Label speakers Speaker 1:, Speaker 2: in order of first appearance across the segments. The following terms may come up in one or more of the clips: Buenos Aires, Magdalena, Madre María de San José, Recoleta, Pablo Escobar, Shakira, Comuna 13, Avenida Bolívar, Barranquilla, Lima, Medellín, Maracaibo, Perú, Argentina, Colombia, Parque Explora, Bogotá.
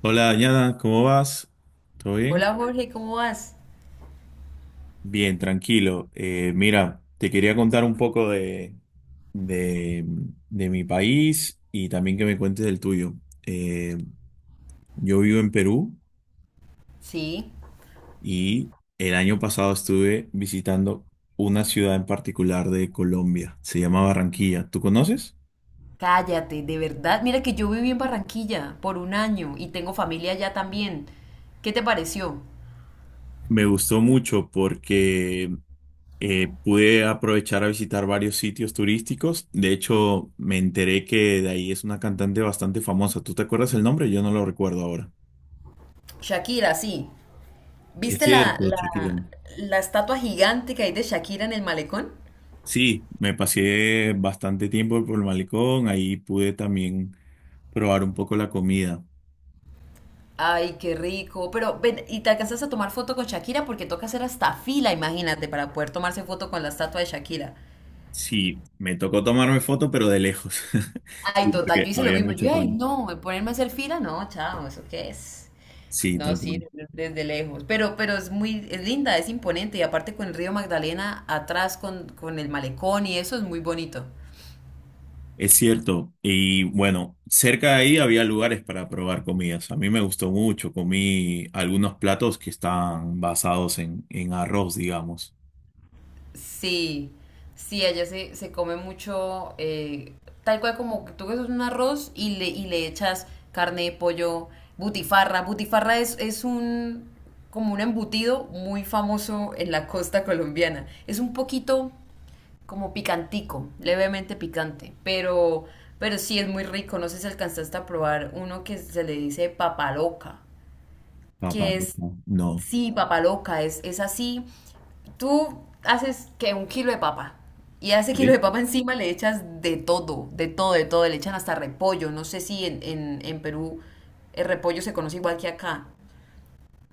Speaker 1: Hola, Dañada, ¿cómo vas? ¿Todo bien?
Speaker 2: Hola Jorge, ¿cómo vas?
Speaker 1: Bien, tranquilo. Mira, te quería contar un poco de, de mi país y también que me cuentes del tuyo. Eh, yo vivo en Perú
Speaker 2: Sí.
Speaker 1: y el año pasado estuve visitando una ciudad en particular de Colombia. Se llama Barranquilla. ¿Tú conoces?
Speaker 2: Cállate, de verdad. Mira que yo viví en Barranquilla por un año y tengo familia allá también. ¿Qué te pareció?
Speaker 1: Me gustó mucho porque pude aprovechar a visitar varios sitios turísticos. De hecho, me enteré que de ahí es una cantante bastante famosa. ¿Tú te acuerdas el nombre? Yo no lo recuerdo ahora.
Speaker 2: Shakira, sí.
Speaker 1: Es
Speaker 2: ¿Viste
Speaker 1: cierto, Shakira.
Speaker 2: la estatua gigante que hay de Shakira en el malecón?
Speaker 1: Sí, me pasé bastante tiempo por el malecón. Ahí pude también probar un poco la comida.
Speaker 2: Ay, qué rico. Pero ven, ¿y te alcanzas a tomar foto con Shakira? Porque toca hacer hasta fila, imagínate, para poder tomarse foto con la estatua de Shakira.
Speaker 1: Sí, me tocó tomarme foto, pero de lejos.
Speaker 2: Ay,
Speaker 1: Sí,
Speaker 2: total,
Speaker 1: porque
Speaker 2: yo hice lo
Speaker 1: había
Speaker 2: mismo.
Speaker 1: mucha
Speaker 2: Yo, ay,
Speaker 1: cola.
Speaker 2: no, ponerme a hacer fila, no, chao, ¿eso qué es?
Speaker 1: Sí,
Speaker 2: No,
Speaker 1: tal
Speaker 2: sí,
Speaker 1: cual.
Speaker 2: desde lejos. Pero es muy, es linda, es imponente. Y aparte con el río Magdalena atrás, con el malecón y eso es muy bonito.
Speaker 1: Es cierto, y bueno, cerca de ahí había lugares para probar comidas. A mí me gustó mucho, comí algunos platos que están basados en arroz, digamos.
Speaker 2: Sí, sí, allá se come mucho, tal cual como tú que un arroz y le echas carne, pollo, butifarra. Butifarra es como un embutido muy famoso en la costa colombiana. Es un poquito como picantico, levemente picante, pero sí es muy rico. No sé si alcanzaste a probar uno que se le dice papaloca,
Speaker 1: Papa,
Speaker 2: que es,
Speaker 1: no. No.
Speaker 2: sí, papaloca, es así. Tú haces que un kilo de papa. Y a ese kilo
Speaker 1: ¿Sí?
Speaker 2: de papa encima le echas de todo, de todo, de todo. Le echan hasta repollo. No sé si en Perú el repollo se conoce igual que acá.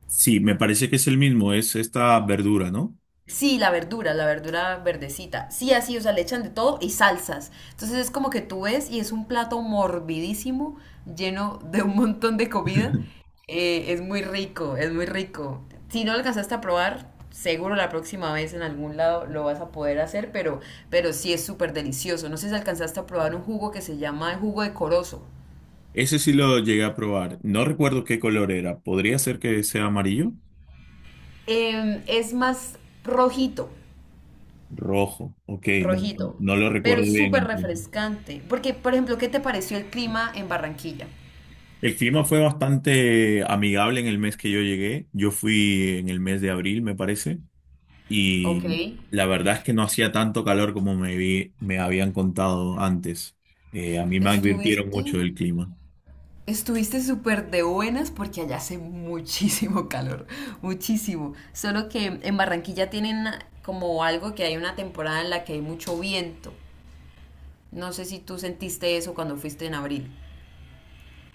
Speaker 1: Sí, me parece que es el mismo, es esta verdura, ¿no?
Speaker 2: Sí, la verdura verdecita. Sí, así, o sea, le echan de todo y salsas. Entonces es como que tú ves y es un plato morbidísimo, lleno de un montón de comida. Es muy rico, es muy rico. Si no lo alcanzaste a probar, seguro la próxima vez en algún lado lo vas a poder hacer, pero sí es súper delicioso. No sé si alcanzaste a probar un jugo que se llama el jugo de corozo.
Speaker 1: Ese sí lo llegué a probar. No recuerdo qué color era. ¿Podría ser que sea amarillo?
Speaker 2: Es más rojito.
Speaker 1: Rojo. Ok, no,
Speaker 2: Rojito,
Speaker 1: no lo
Speaker 2: pero
Speaker 1: recuerdo
Speaker 2: es
Speaker 1: bien
Speaker 2: súper
Speaker 1: entonces.
Speaker 2: refrescante. Porque, por ejemplo, ¿qué te pareció el clima en Barranquilla?
Speaker 1: El clima fue bastante amigable en el mes que yo llegué. Yo fui en el mes de abril, me parece.
Speaker 2: Ok.
Speaker 1: Y la verdad es que no hacía tanto calor como me habían contado antes. A mí me advirtieron
Speaker 2: Estuviste,
Speaker 1: mucho del clima.
Speaker 2: estuviste súper de buenas porque allá hace muchísimo calor, muchísimo. Solo que en Barranquilla tienen como algo que hay una temporada en la que hay mucho viento. No sé si tú sentiste eso cuando fuiste en abril.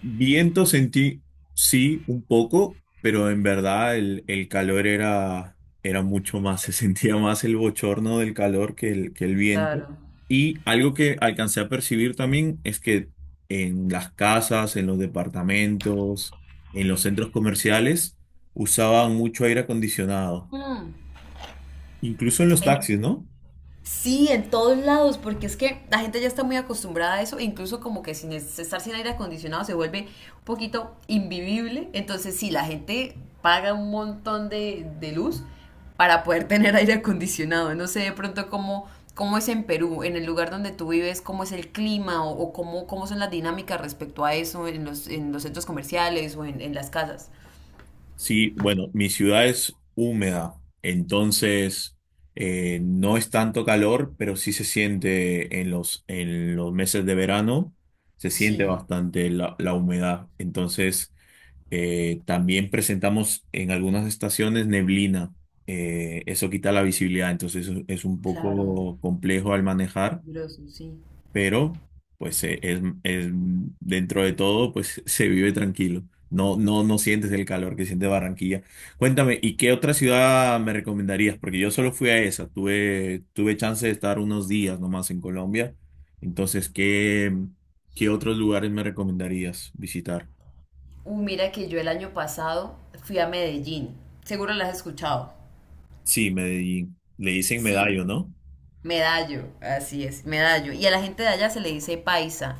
Speaker 1: Viento sentí, sí, un poco, pero en verdad el calor era mucho más. Se sentía más el bochorno del calor que que el viento.
Speaker 2: Claro.
Speaker 1: Y algo que alcancé a percibir también es que en las casas, en los departamentos, en los centros comerciales, usaban mucho aire acondicionado.
Speaker 2: Mm.
Speaker 1: Incluso en los taxis, ¿no?
Speaker 2: Sí, en todos lados, porque es que la gente ya está muy acostumbrada a eso, e incluso como que sin estar sin aire acondicionado se vuelve un poquito invivible. Entonces, sí, la gente paga un montón de luz para poder tener aire acondicionado. No sé de pronto cómo es en Perú, en el lugar donde tú vives, cómo es el clima o cómo son las dinámicas respecto a eso en los centros comerciales o en las casas.
Speaker 1: Sí, bueno, mi ciudad es húmeda, entonces no es tanto calor, pero sí se siente en en los meses de verano, se siente
Speaker 2: Sí,
Speaker 1: bastante la humedad. Entonces, también presentamos en algunas estaciones neblina. Eso quita la visibilidad, entonces es un
Speaker 2: claro,
Speaker 1: poco complejo al manejar.
Speaker 2: peligroso, sí.
Speaker 1: Pero pues dentro de todo pues se vive tranquilo. No, no, no sientes el calor que siente Barranquilla. Cuéntame, ¿y qué otra ciudad me recomendarías? Porque yo solo fui a esa, tuve chance de estar unos días nomás en Colombia. Entonces, ¿qué otros lugares me recomendarías visitar?
Speaker 2: Mira que yo el año pasado fui a Medellín. Seguro las has escuchado.
Speaker 1: Sí, Medellín. Le dicen
Speaker 2: Sí,
Speaker 1: Medallo, ¿no?
Speaker 2: Medallo, así es, Medallo. Y a la gente de allá se le dice paisa.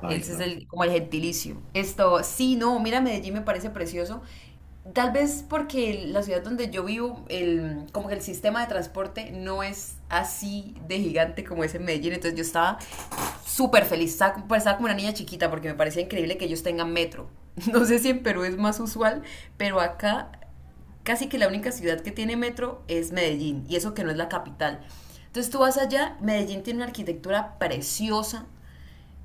Speaker 1: Ay,
Speaker 2: Ese es
Speaker 1: no.
Speaker 2: como el gentilicio. Esto, sí, no, mira, Medellín me parece precioso. Tal vez porque la ciudad donde yo vivo, como que el sistema de transporte no es así de gigante como es en Medellín. Entonces yo estaba súper feliz, estaba como una niña chiquita porque me parecía increíble que ellos tengan metro. No sé si en Perú es más usual, pero acá casi que la única ciudad que tiene metro es Medellín, y eso que no es la capital. Entonces tú vas allá, Medellín tiene una arquitectura preciosa,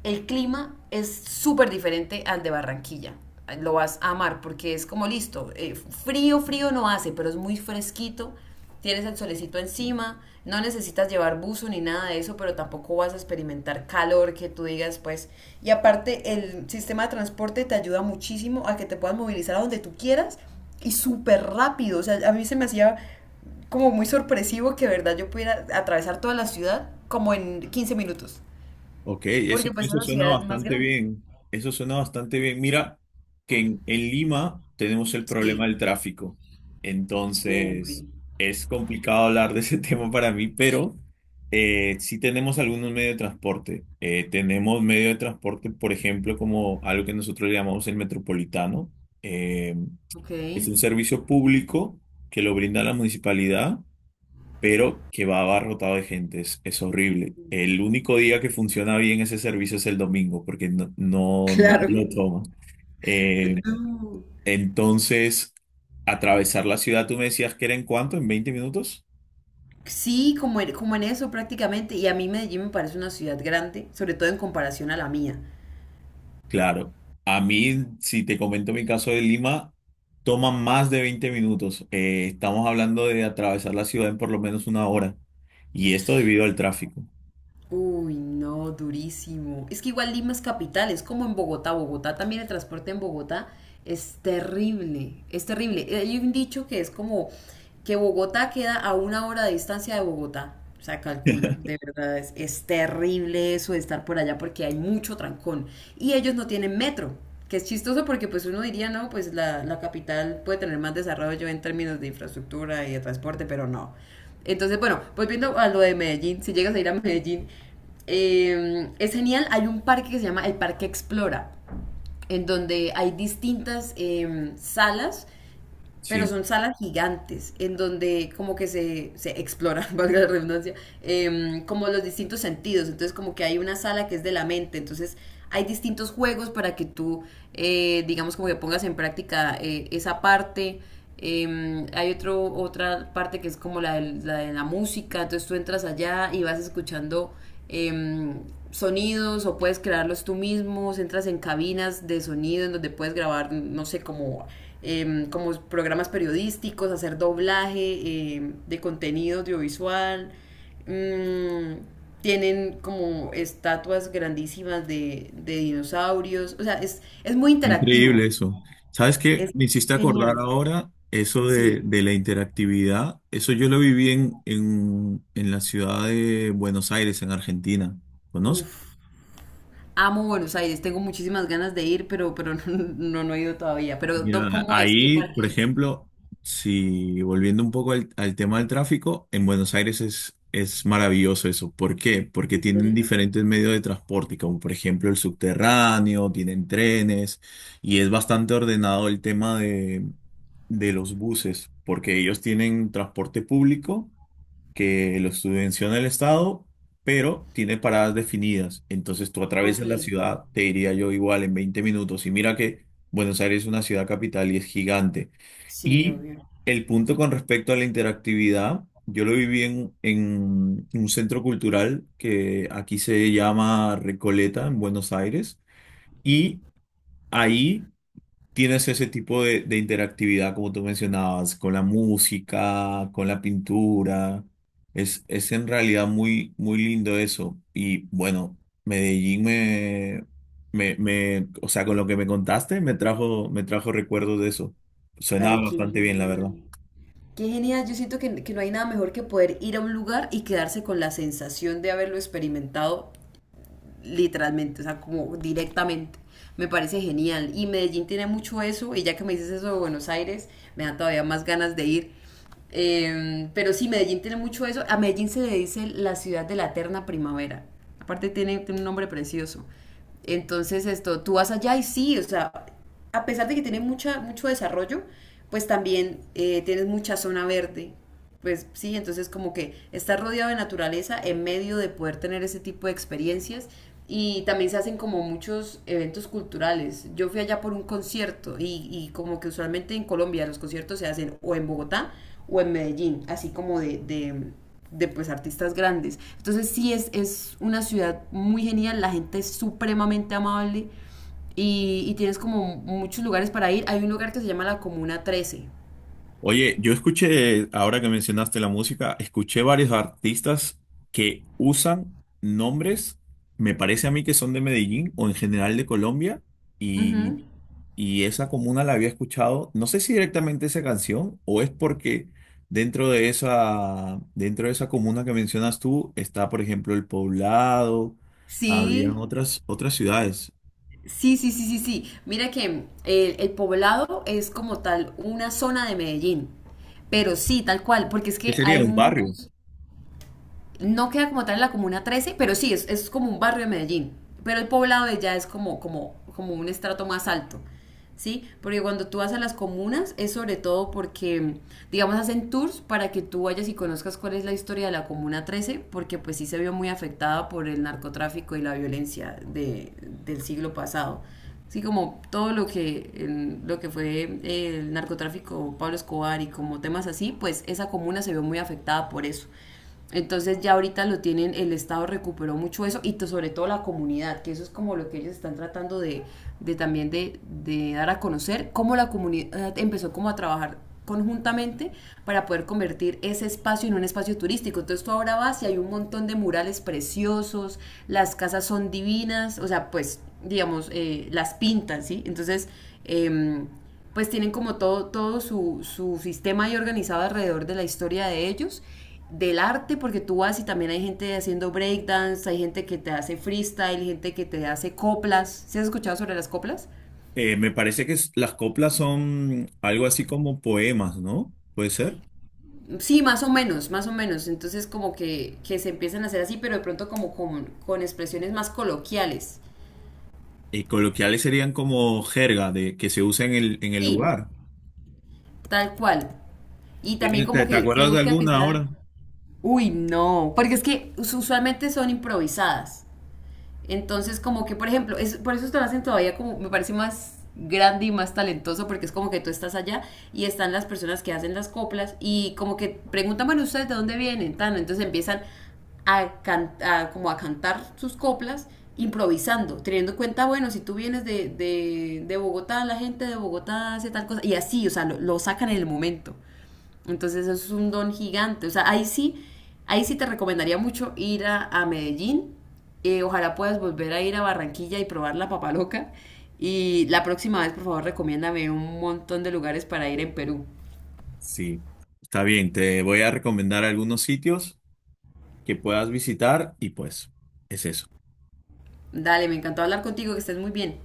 Speaker 2: el clima es súper diferente al de Barranquilla. Lo vas a amar porque es como listo. Frío, frío no hace, pero es muy fresquito. Tienes el solecito encima. No necesitas llevar buzo ni nada de eso, pero tampoco vas a experimentar calor que tú digas, pues. Y aparte, el sistema de transporte te ayuda muchísimo a que te puedas movilizar a donde tú quieras y súper rápido. O sea, a mí se me hacía como muy sorpresivo que, de verdad, yo pudiera atravesar toda la ciudad como en 15 minutos.
Speaker 1: Ok, eso,
Speaker 2: Porque pues es
Speaker 1: eso
Speaker 2: la
Speaker 1: suena
Speaker 2: ciudad más
Speaker 1: bastante
Speaker 2: grande.
Speaker 1: bien. Eso suena bastante bien. Mira que en Lima tenemos el problema
Speaker 2: Sí.
Speaker 1: del tráfico. Entonces,
Speaker 2: Uy,
Speaker 1: es complicado hablar de ese tema para mí, pero sí tenemos algunos medios de transporte. Tenemos medio de transporte, por ejemplo, Como algo que nosotros le llamamos el metropolitano. Eh,
Speaker 2: ok.
Speaker 1: es un servicio público que lo brinda la municipalidad pero que va abarrotado de gente, es horrible. El único día que funciona bien ese servicio es el domingo, porque no
Speaker 2: Claro.
Speaker 1: nadie lo toma. Eh,
Speaker 2: No.
Speaker 1: entonces, atravesar la ciudad, tú me decías que era en cuánto, en 20 minutos.
Speaker 2: Sí, como en eso prácticamente. Y a mí Medellín me parece una ciudad grande, sobre todo en comparación a la mía.
Speaker 1: Claro, a mí, si te comento mi caso de Lima, toma más de 20 minutos. Estamos hablando de atravesar la ciudad en por lo menos una hora, y esto debido al tráfico.
Speaker 2: Uy, no, durísimo. Es que igual Lima es capital, es como en Bogotá. Bogotá también el transporte en Bogotá es terrible, es terrible. Hay un dicho que es como que Bogotá queda a una hora de distancia de Bogotá. O sea, calcula, de verdad es terrible eso de estar por allá porque hay mucho trancón. Y ellos no tienen metro, que es chistoso porque pues uno diría, no, pues la capital puede tener más desarrollo en términos de infraestructura y de transporte, pero no. Entonces, bueno, volviendo a lo de Medellín, si llegas a ir a Medellín, es genial. Hay un parque que se llama el Parque Explora, en donde hay distintas salas, pero
Speaker 1: Sí.
Speaker 2: son salas gigantes, en donde como que se explora, valga la redundancia, como los distintos sentidos. Entonces, como que hay una sala que es de la mente, entonces hay distintos juegos para que tú, digamos, como que pongas en práctica esa parte. Hay otra parte que es como la de la música, entonces tú entras allá y vas escuchando eh, sonidos o puedes crearlos tú mismo, entras en cabinas de sonido en donde puedes grabar, no sé, como programas periodísticos, hacer doblaje de contenido audiovisual. Mm, tienen como estatuas grandísimas de dinosaurios, o sea, es muy interactivo,
Speaker 1: Increíble eso. ¿Sabes qué?
Speaker 2: es
Speaker 1: Me hiciste acordar
Speaker 2: genial,
Speaker 1: ahora eso
Speaker 2: sí.
Speaker 1: de la interactividad. Eso yo lo viví en la ciudad de Buenos Aires, en Argentina. ¿Conoces?
Speaker 2: Uf, amo Buenos Aires, tengo muchísimas ganas de ir, pero no, no, no he ido todavía. Pero,
Speaker 1: Mira,
Speaker 2: ¿cómo es? ¿Qué
Speaker 1: ahí, por
Speaker 2: parque es?
Speaker 1: ejemplo, si volviendo un poco al tema del tráfico, en Buenos Aires es maravilloso eso. ¿Por qué? Porque
Speaker 2: ¿En
Speaker 1: tienen
Speaker 2: serio?
Speaker 1: diferentes medios de transporte, como por ejemplo el subterráneo, tienen trenes, y es bastante ordenado el tema de los buses, porque ellos tienen transporte público que lo subvenciona el Estado, pero tiene paradas definidas. Entonces tú
Speaker 2: Ok,
Speaker 1: atraviesas la ciudad, te diría yo igual, en 20 minutos. Y mira que Buenos Aires es una ciudad capital y es gigante.
Speaker 2: sí,
Speaker 1: Y
Speaker 2: obvio.
Speaker 1: el punto con respecto a la interactividad, yo lo viví en un centro cultural que aquí se llama Recoleta, en Buenos Aires. Y ahí tienes ese tipo de interactividad, como tú mencionabas, con la música, con la pintura. Es en realidad muy lindo eso. Y bueno, Medellín me, me, me, o sea, con lo que me contaste, me trajo recuerdos de eso. Suena
Speaker 2: Ay, qué
Speaker 1: bastante bien, la verdad.
Speaker 2: genial. Qué genial, yo siento que no hay nada mejor que poder ir a un lugar y quedarse con la sensación de haberlo experimentado literalmente, o sea, como directamente. Me parece genial. Y Medellín tiene mucho eso, y ya que me dices eso de Buenos Aires, me dan todavía más ganas de ir. Pero sí, Medellín tiene mucho eso. A Medellín se le dice la ciudad de la eterna primavera. Aparte tiene un nombre precioso. Entonces, esto, tú vas allá y sí, o sea, a pesar de que tiene mucho desarrollo, pues también tienes mucha zona verde, pues sí, entonces como que estar rodeado de naturaleza en medio de poder tener ese tipo de experiencias y también se hacen como muchos eventos culturales. Yo fui allá por un concierto y como que usualmente en Colombia los conciertos se hacen o en Bogotá o en Medellín, así como de, pues artistas grandes. Entonces sí es una ciudad muy genial, la gente es supremamente amable y tienes como muchos lugares para ir. Hay un lugar que se llama la Comuna 13.
Speaker 1: Oye, yo escuché, ahora que mencionaste la música, escuché varios artistas que usan nombres, me parece a mí que son de Medellín o en general de Colombia. y
Speaker 2: Ujú.
Speaker 1: Y esa comuna la había escuchado, no sé si directamente esa canción o es porque dentro de esa comuna que mencionas tú está, por ejemplo, El Poblado, habían
Speaker 2: Sí,
Speaker 1: otras ciudades.
Speaker 2: sí, sí, sí, sí, sí. Mira que el poblado es como tal una zona de Medellín, pero sí, tal cual, porque es
Speaker 1: ¿Qué
Speaker 2: que hay
Speaker 1: sería un barrio?
Speaker 2: muchos, no queda como tal en la comuna 13, pero sí, es como un barrio de Medellín. Pero el poblado de ya es como un estrato más alto. ¿Sí? Porque cuando tú vas a las comunas es sobre todo porque, digamos, hacen tours para que tú vayas y conozcas cuál es la historia de la Comuna 13, porque pues sí se vio muy afectada por el narcotráfico y la violencia del siglo pasado. Sí, como todo lo que fue el narcotráfico, Pablo Escobar y como temas así, pues esa comuna se vio muy afectada por eso. Entonces ya ahorita lo tienen, el Estado recuperó mucho eso y sobre todo la comunidad, que eso es como lo que ellos están tratando de también de dar a conocer, cómo la comunidad empezó como a trabajar conjuntamente para poder convertir ese espacio en un espacio turístico. Entonces tú ahora vas y hay un montón de murales preciosos, las casas son divinas, o sea, pues digamos, las pintan, ¿sí? Entonces, em, pues tienen como todo su sistema ahí organizado alrededor de la historia de ellos del arte, porque tú vas y también hay gente haciendo breakdance, hay gente que te hace freestyle, gente que te hace coplas. ¿Sí has escuchado sobre las coplas?
Speaker 1: Me parece que es- Las coplas son algo así como poemas, ¿no? Puede ser.
Speaker 2: Sí, más o menos, más o menos. Entonces como que se empiezan a hacer así, pero de pronto como con expresiones más coloquiales.
Speaker 1: Y coloquiales serían como jerga de, que se usa en el
Speaker 2: Sí,
Speaker 1: lugar.
Speaker 2: tal cual. Y también como
Speaker 1: ¿Te, te
Speaker 2: que se
Speaker 1: acuerdas de
Speaker 2: busca que
Speaker 1: alguna
Speaker 2: sea.
Speaker 1: ahora?
Speaker 2: Uy, no, porque es que usualmente son improvisadas. Entonces, como que, por ejemplo, por eso te lo hacen todavía como, me parece más grande y más talentoso, porque es como que tú estás allá y están las personas que hacen las coplas y como que preguntan, bueno, ¿ustedes de dónde vienen? Tan, entonces empiezan a cantar sus coplas improvisando, teniendo en cuenta, bueno, si tú vienes de Bogotá, la gente de Bogotá hace tal cosa, y así, o sea, lo sacan en el momento. Entonces eso es un don gigante. O sea, ahí sí te recomendaría mucho ir a Medellín. Ojalá puedas volver a ir a Barranquilla y probar la papa loca. Y la próxima vez, por favor, recomiéndame un montón de lugares para ir en Perú.
Speaker 1: Sí, está bien, te voy a recomendar algunos sitios que puedas visitar y pues es eso.
Speaker 2: Dale, me encantó hablar contigo, que estés muy bien.